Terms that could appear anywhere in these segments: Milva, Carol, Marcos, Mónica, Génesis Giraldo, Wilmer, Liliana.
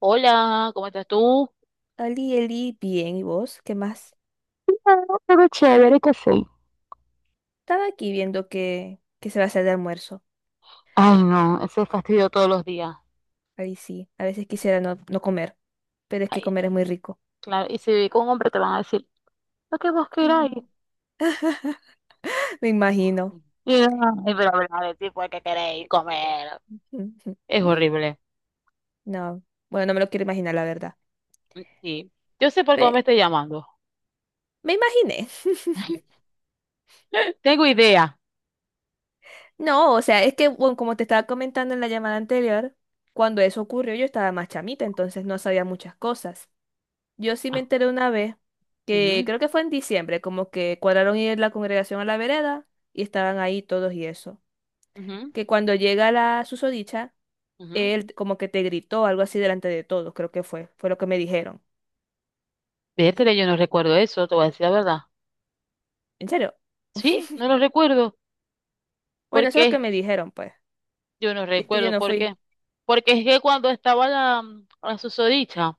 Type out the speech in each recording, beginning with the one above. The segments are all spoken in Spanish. Hola, ¿cómo estás tú? Ali, Eli, bien, ¿y vos? ¿Qué más? Claro, pero chévere que sí. Estaba aquí viendo que se va a hacer de almuerzo. Ay, no, ese fastidio todos los días. Ahí sí, a veces quisiera no comer, pero es que Ay, comer es muy rico. claro, y si viví con un hombre te van a decir, lo que vos queráis. Ujú. Me imagino. Y, ay, pero hablar de tipo que queréis comer. Ujú. Es horrible. No, bueno, no me lo quiero imaginar, la verdad. Mm, sí. Yo sé por qué vos me Pe- estoy llamando. Me imaginé. Tengo idea. No, o sea, es que, bueno, como te estaba comentando en la llamada anterior, cuando eso ocurrió yo estaba más chamita, entonces no sabía muchas cosas. Yo sí me Ah, enteré una vez que ujú, creo que fue en diciembre, como que cuadraron ir la congregación a la vereda y estaban ahí todos y eso. ujú, Que cuando llega la susodicha, ujú. él como que te gritó algo así delante de todos, creo que fue lo que me dijeron. Vértele, yo no recuerdo eso, te voy a decir la verdad. ¿En serio? Sí, no lo recuerdo. ¿Por Bueno, eso es lo que qué? me dijeron, pues. Yo no Y es que yo recuerdo no por fui. qué. Porque es que cuando estaba la susodicha,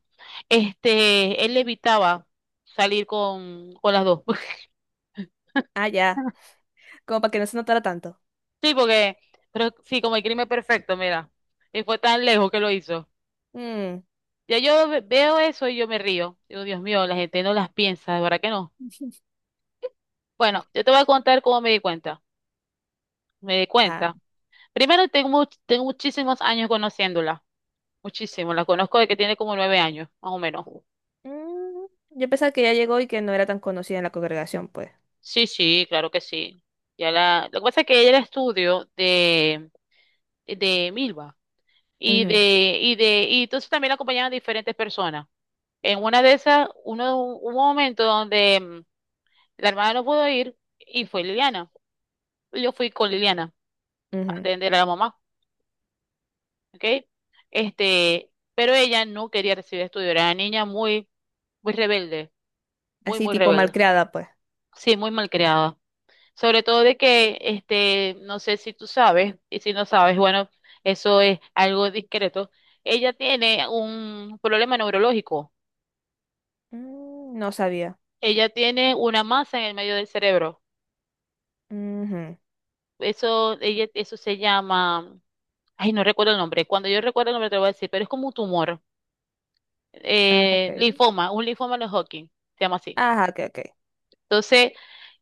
él evitaba salir con las dos. Ah, ya. Como para que no se notara tanto. Sí, porque, pero sí, como el crimen perfecto, mira. Y fue tan lejos que lo hizo. Mm, Ya yo veo eso y yo me río. Digo, Dios mío, la gente no las piensa, de verdad que no. Bueno, yo te voy a contar cómo me di cuenta. Me di ajá. cuenta. Primero, tengo muchísimos años conociéndola. Muchísimo. La conozco de que tiene como 9 años, más o menos. Mm, yo pensaba que ya llegó y que no era tan conocida en la congregación, pues. Sí, sí, claro que sí. Lo que pasa es que ella era estudio de Milva y Ujú, de, y de, y entonces también la acompañaban diferentes personas. En una de esas, uno, hubo un momento donde la hermana no pudo ir y fue Liliana. Yo fui con Liliana a ujú. atender a la mamá, ¿ok? Pero ella no quería recibir estudio, era una niña muy rebelde, muy, Así muy tipo rebelde, malcriada, pues. sí, muy malcriada. Sobre todo de que, no sé si tú sabes, y si no sabes, bueno, eso es algo discreto. Ella tiene un problema neurológico. Mm, no sabía. Ella tiene una masa en el medio del cerebro. Ujú. Eso, eso se llama, ay, no recuerdo el nombre. Cuando yo recuerdo el nombre te lo voy a decir, pero es como un tumor, Ah, ok. Linfoma, un linfoma de Hodgkin se llama así. Ajá, ok, ok. Entonces,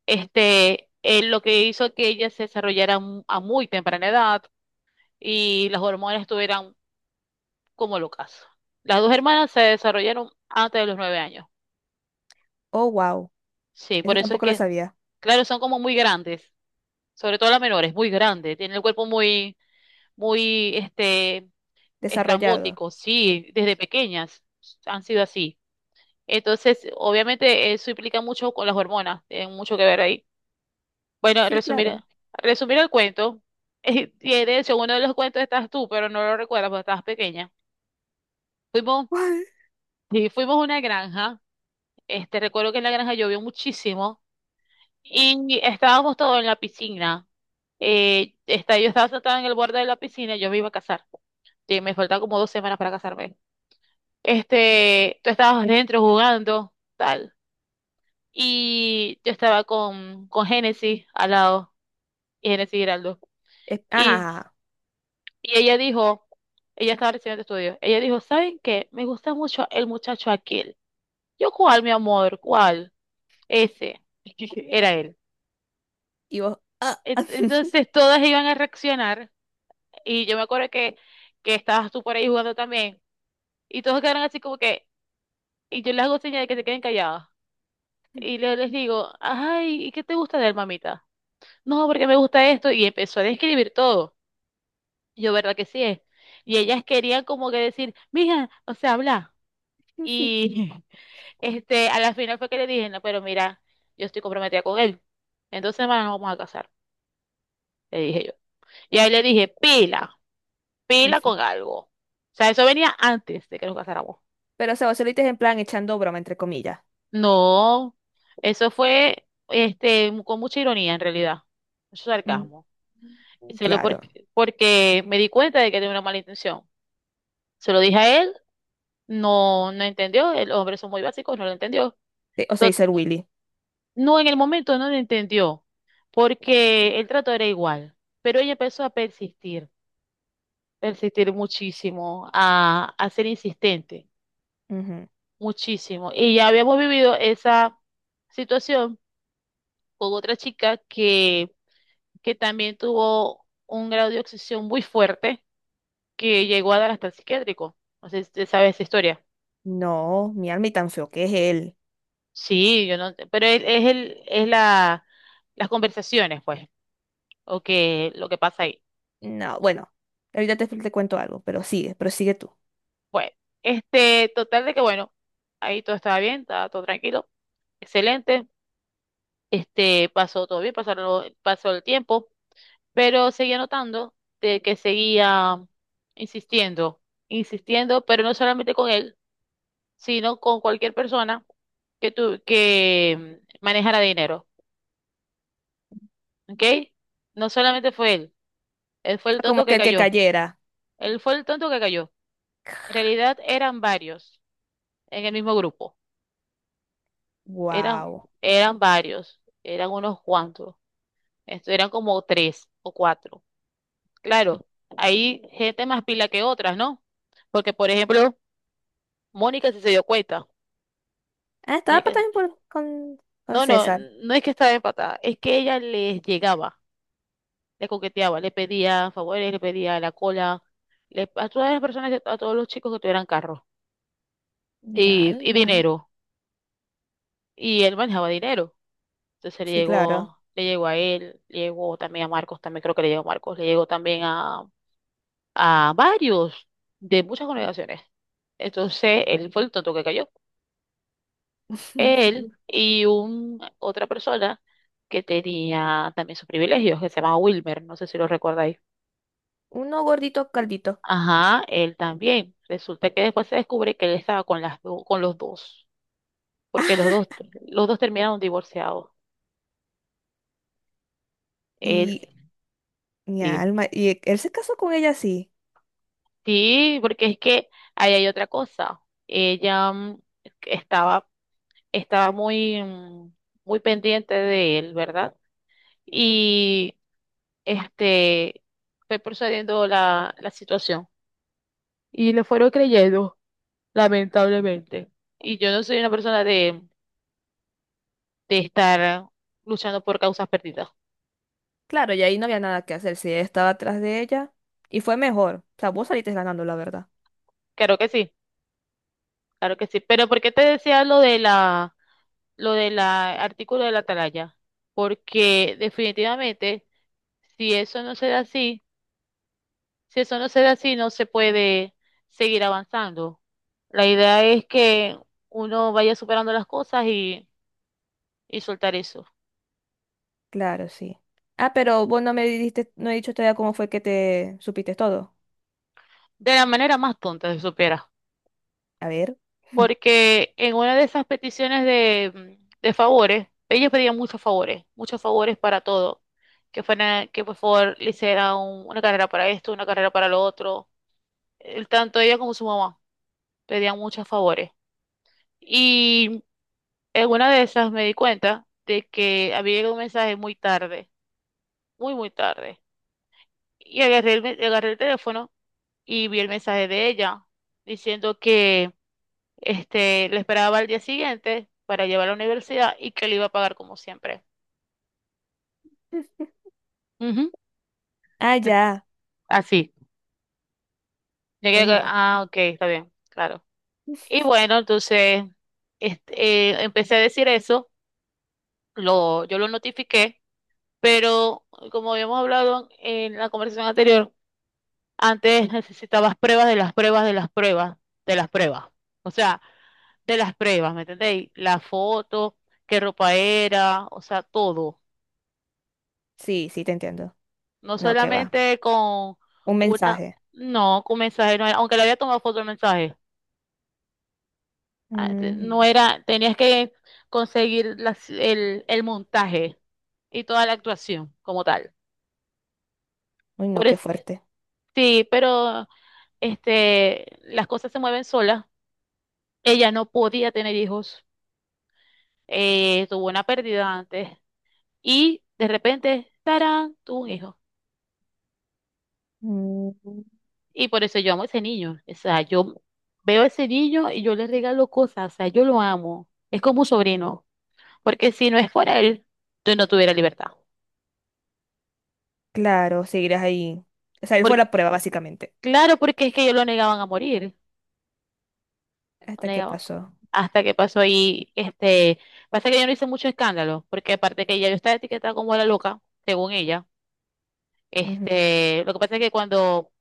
lo que hizo que ella se desarrollara a muy temprana edad y las hormonas estuvieran como el ocaso. Las dos hermanas se desarrollaron antes de los 9 años. Oh, wow. Sí, Eso por eso es tampoco lo que, sabía. claro, son como muy grandes, sobre todo la menor, es muy grande, tiene el cuerpo muy, muy, Desarrollado. estrambótico, sí, desde pequeñas han sido así. Entonces, obviamente, eso implica mucho con las hormonas, tiene mucho que ver ahí. Bueno, Sí, resumir, claro. resumir el cuento, y de hecho, uno de los cuentos estás tú, pero no lo recuerdas porque estabas pequeña. Fuimos, Guau. sí, fuimos a una granja, recuerdo que en la granja llovió muchísimo. Y estábamos todos en la piscina. Yo estaba sentada en el borde de la piscina, yo me iba a casar. Sí, me faltan como 2 semanas para casarme. Tú estabas dentro jugando, tal. Y yo estaba con Génesis al lado, y Génesis Giraldo. Es- ajá, ajá, Y, ajá. y ella dijo, ella estaba recibiendo estudios, ella dijo, ¿saben qué? Me gusta mucho el muchacho aquel. Yo, ¿cuál, mi amor? ¿Cuál? Ese. Era él. Y vos. Ah. Entonces todas iban a reaccionar. Y yo me acuerdo que estabas tú por ahí jugando también. Y todos quedaron así como que, y yo les hago señas de que se queden callados. Y les digo, ay, ¿y qué te gusta de él, mamita? No, porque me gusta esto. Y empezó a describir todo. Y yo, ¿verdad que sí es? Y ellas querían como que decir, mija, o sea, habla. Y a la final fue que le dije, no, pero mira, yo estoy comprometida con él. En 2 semanas nos vamos a casar, le dije yo. Y ahí le dije, pila, pila con algo. O sea, eso venía antes de que nos casáramos. Pero, o sea, vos se lo dices en plan echando broma, entre comillas. No, eso fue con mucha ironía en realidad, mucho Mm, sarcasmo. Se lo claro. porque, porque me di cuenta de que tenía una mala intención. Se lo dije a él, no, no entendió, el hombre son muy básicos, no lo entendió. O sea, To- dice el Willy. No, en el momento no lo entendió, porque el trato era igual, pero ella empezó a persistir, muchísimo, a ser insistente, Ujú. muchísimo. Y ya habíamos vivido esa situación con otra chica que también tuvo un grado de obsesión muy fuerte que llegó a dar hasta el psiquiátrico. No sé si te sabes esa historia. No, mi alma y tan feo que es él. Sí, yo no, pero es la, las conversaciones, pues, o que lo que pasa ahí. No, bueno. Ahorita te cuento algo, pero sigue tú. Bueno, total de que bueno, ahí todo estaba bien, estaba todo tranquilo, excelente, pasó todo bien, pasó el tiempo, pero seguía notando de que seguía insistiendo, insistiendo, pero no solamente con él, sino con cualquier persona que, que manejara dinero, ¿ok? No solamente fue él, él fue el Como tonto que que el que cayó, cayera. él fue el tonto que cayó. En realidad eran varios en el mismo grupo, eran, Wow. eran varios, eran unos cuantos, esto eran como tres o cuatro. Claro, hay gente más pila que otras, ¿no? Porque, por ejemplo, Mónica sí se dio cuenta. Ah, estaba pa- Mónica, también por- con no, no, César. no es que estaba empatada, es que ella les llegaba. Le coqueteaba, le pedía favores, le pedía la cola, a todas las personas, a todos los chicos que tuvieran carro Mi y alma. dinero. Y él manejaba dinero. Entonces Sí, claro. Le llegó a él, le llegó también a Marcos, también creo que le llegó a Marcos, le llegó también a varios de muchas congregaciones. Entonces él fue el tonto que cayó. Él y otra persona que tenía también sus privilegios, que se llama Wilmer, no sé si lo recordáis. Uno gordito, caldito. Ajá, él también. Resulta que después se descubre que él estaba con con los dos, porque los dos terminaron divorciados. Él, Y mi sí. alma, y él se casó con ella así. Sí, porque es que ahí hay otra cosa. Ella estaba, estaba muy, muy pendiente de él, ¿verdad? Y este fue procediendo la situación. Y le fueron creyendo, lamentablemente. Y yo no soy una persona de estar luchando por causas perdidas. Claro, y ahí no había nada que hacer. Si estaba atrás de ella. Y fue mejor. O sea, vos saliste ganando, la verdad. Claro que sí, claro que sí. Pero ¿por qué te decía lo de lo del artículo de la Atalaya? Porque definitivamente, si eso no se da así, si eso no se da así, no se puede seguir avanzando. La idea es que uno vaya superando las cosas y soltar eso. Claro, sí. Ah, pero vos no me diste, no he dicho todavía cómo fue que te supiste todo. De la manera más tonta, se supera. A ver. Porque en una de esas peticiones de favores, ellos pedían muchos favores para todo, que fuera, que por favor le hiciera una carrera para esto, una carrera para lo otro. Tanto ella como su mamá pedían muchos favores. Y en una de esas me di cuenta de que había llegado un mensaje muy tarde, muy, muy tarde. Y agarré agarré el teléfono y vi el mensaje de ella diciendo, le esperaba al día siguiente para llevar a la universidad y que le iba a pagar como siempre. Ujú. Ah, ya. Así. Llegué, Uy, a- no. ah, ok, está bien, claro. No. Y bueno, entonces empecé a decir eso, yo lo notifiqué, pero como habíamos hablado en la conversación anterior, antes necesitabas pruebas de las pruebas de las pruebas de las pruebas. O sea, de las pruebas, ¿me entendéis? La foto, qué ropa era, o sea, todo. Sí, sí, te entiendo. No No, que va. solamente con Un una, mensaje. no, con mensaje, no era- aunque le había tomado foto al mensaje, no Mm, era, tenías que conseguir el montaje y toda la actuación como tal. uy, no, Por qué es- fuerte. sí, pero las cosas se mueven solas. Ella no podía tener hijos, tuvo una pérdida antes y de repente, tarán, tuvo un hijo. Mm, Y por eso yo amo a ese niño. O sea, yo veo a ese niño y yo le regalo cosas. O sea, yo lo amo. Es como un sobrino. Porque si no es por él, yo no tuviera libertad. claro, seguirás ahí. O sea, él fue Por- la prueba, básicamente. claro, porque es que ellos lo negaban a morir. Lo Hasta que negaban. pasó. Hasta que pasó ahí, pasa que yo no hice mucho escándalo, porque aparte que ella yo estaba etiquetada como la loca, según ella. Ujú. Lo que pasa es que cuando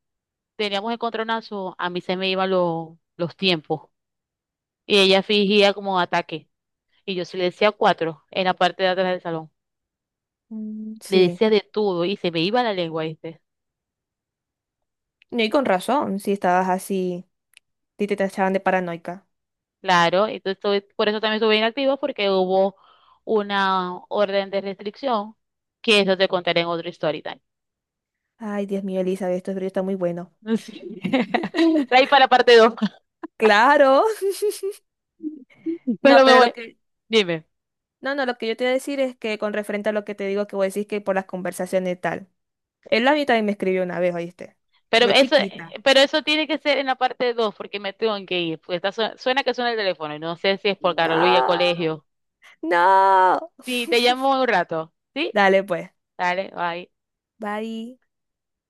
teníamos encontronazo, a mí se me iban los tiempos. Y ella fingía como ataque. Y yo sí le decía cuatro en la parte de atrás del salón. Mm, Le sí. decía de todo y se me iba la lengua, ¿viste? No, y con razón, si estabas así, y te tachaban de paranoica. Claro, entonces por eso también estuve inactiva porque hubo una orden de restricción que eso te contaré en otro story time. Ay, Dios mío, Elizabeth, esto es brillo está muy bueno. Sí. Ahí para la parte dos. Claro. No, Pero me pero lo voy, que, dime. no, no, lo que yo te iba a decir es que con referente a lo que te digo que vos decís que por las conversaciones y tal. Él a mí también me escribió una vez, ¿oíste? Pero Yo eso, chiquita. pero eso tiene que ser en la parte dos porque me tengo que ir. Porque suena que suena el teléfono y no sé si es por Carol y el No, colegio. no. Sí, te llamo un rato. ¿Sí? Dale pues. Dale, bye. Bye.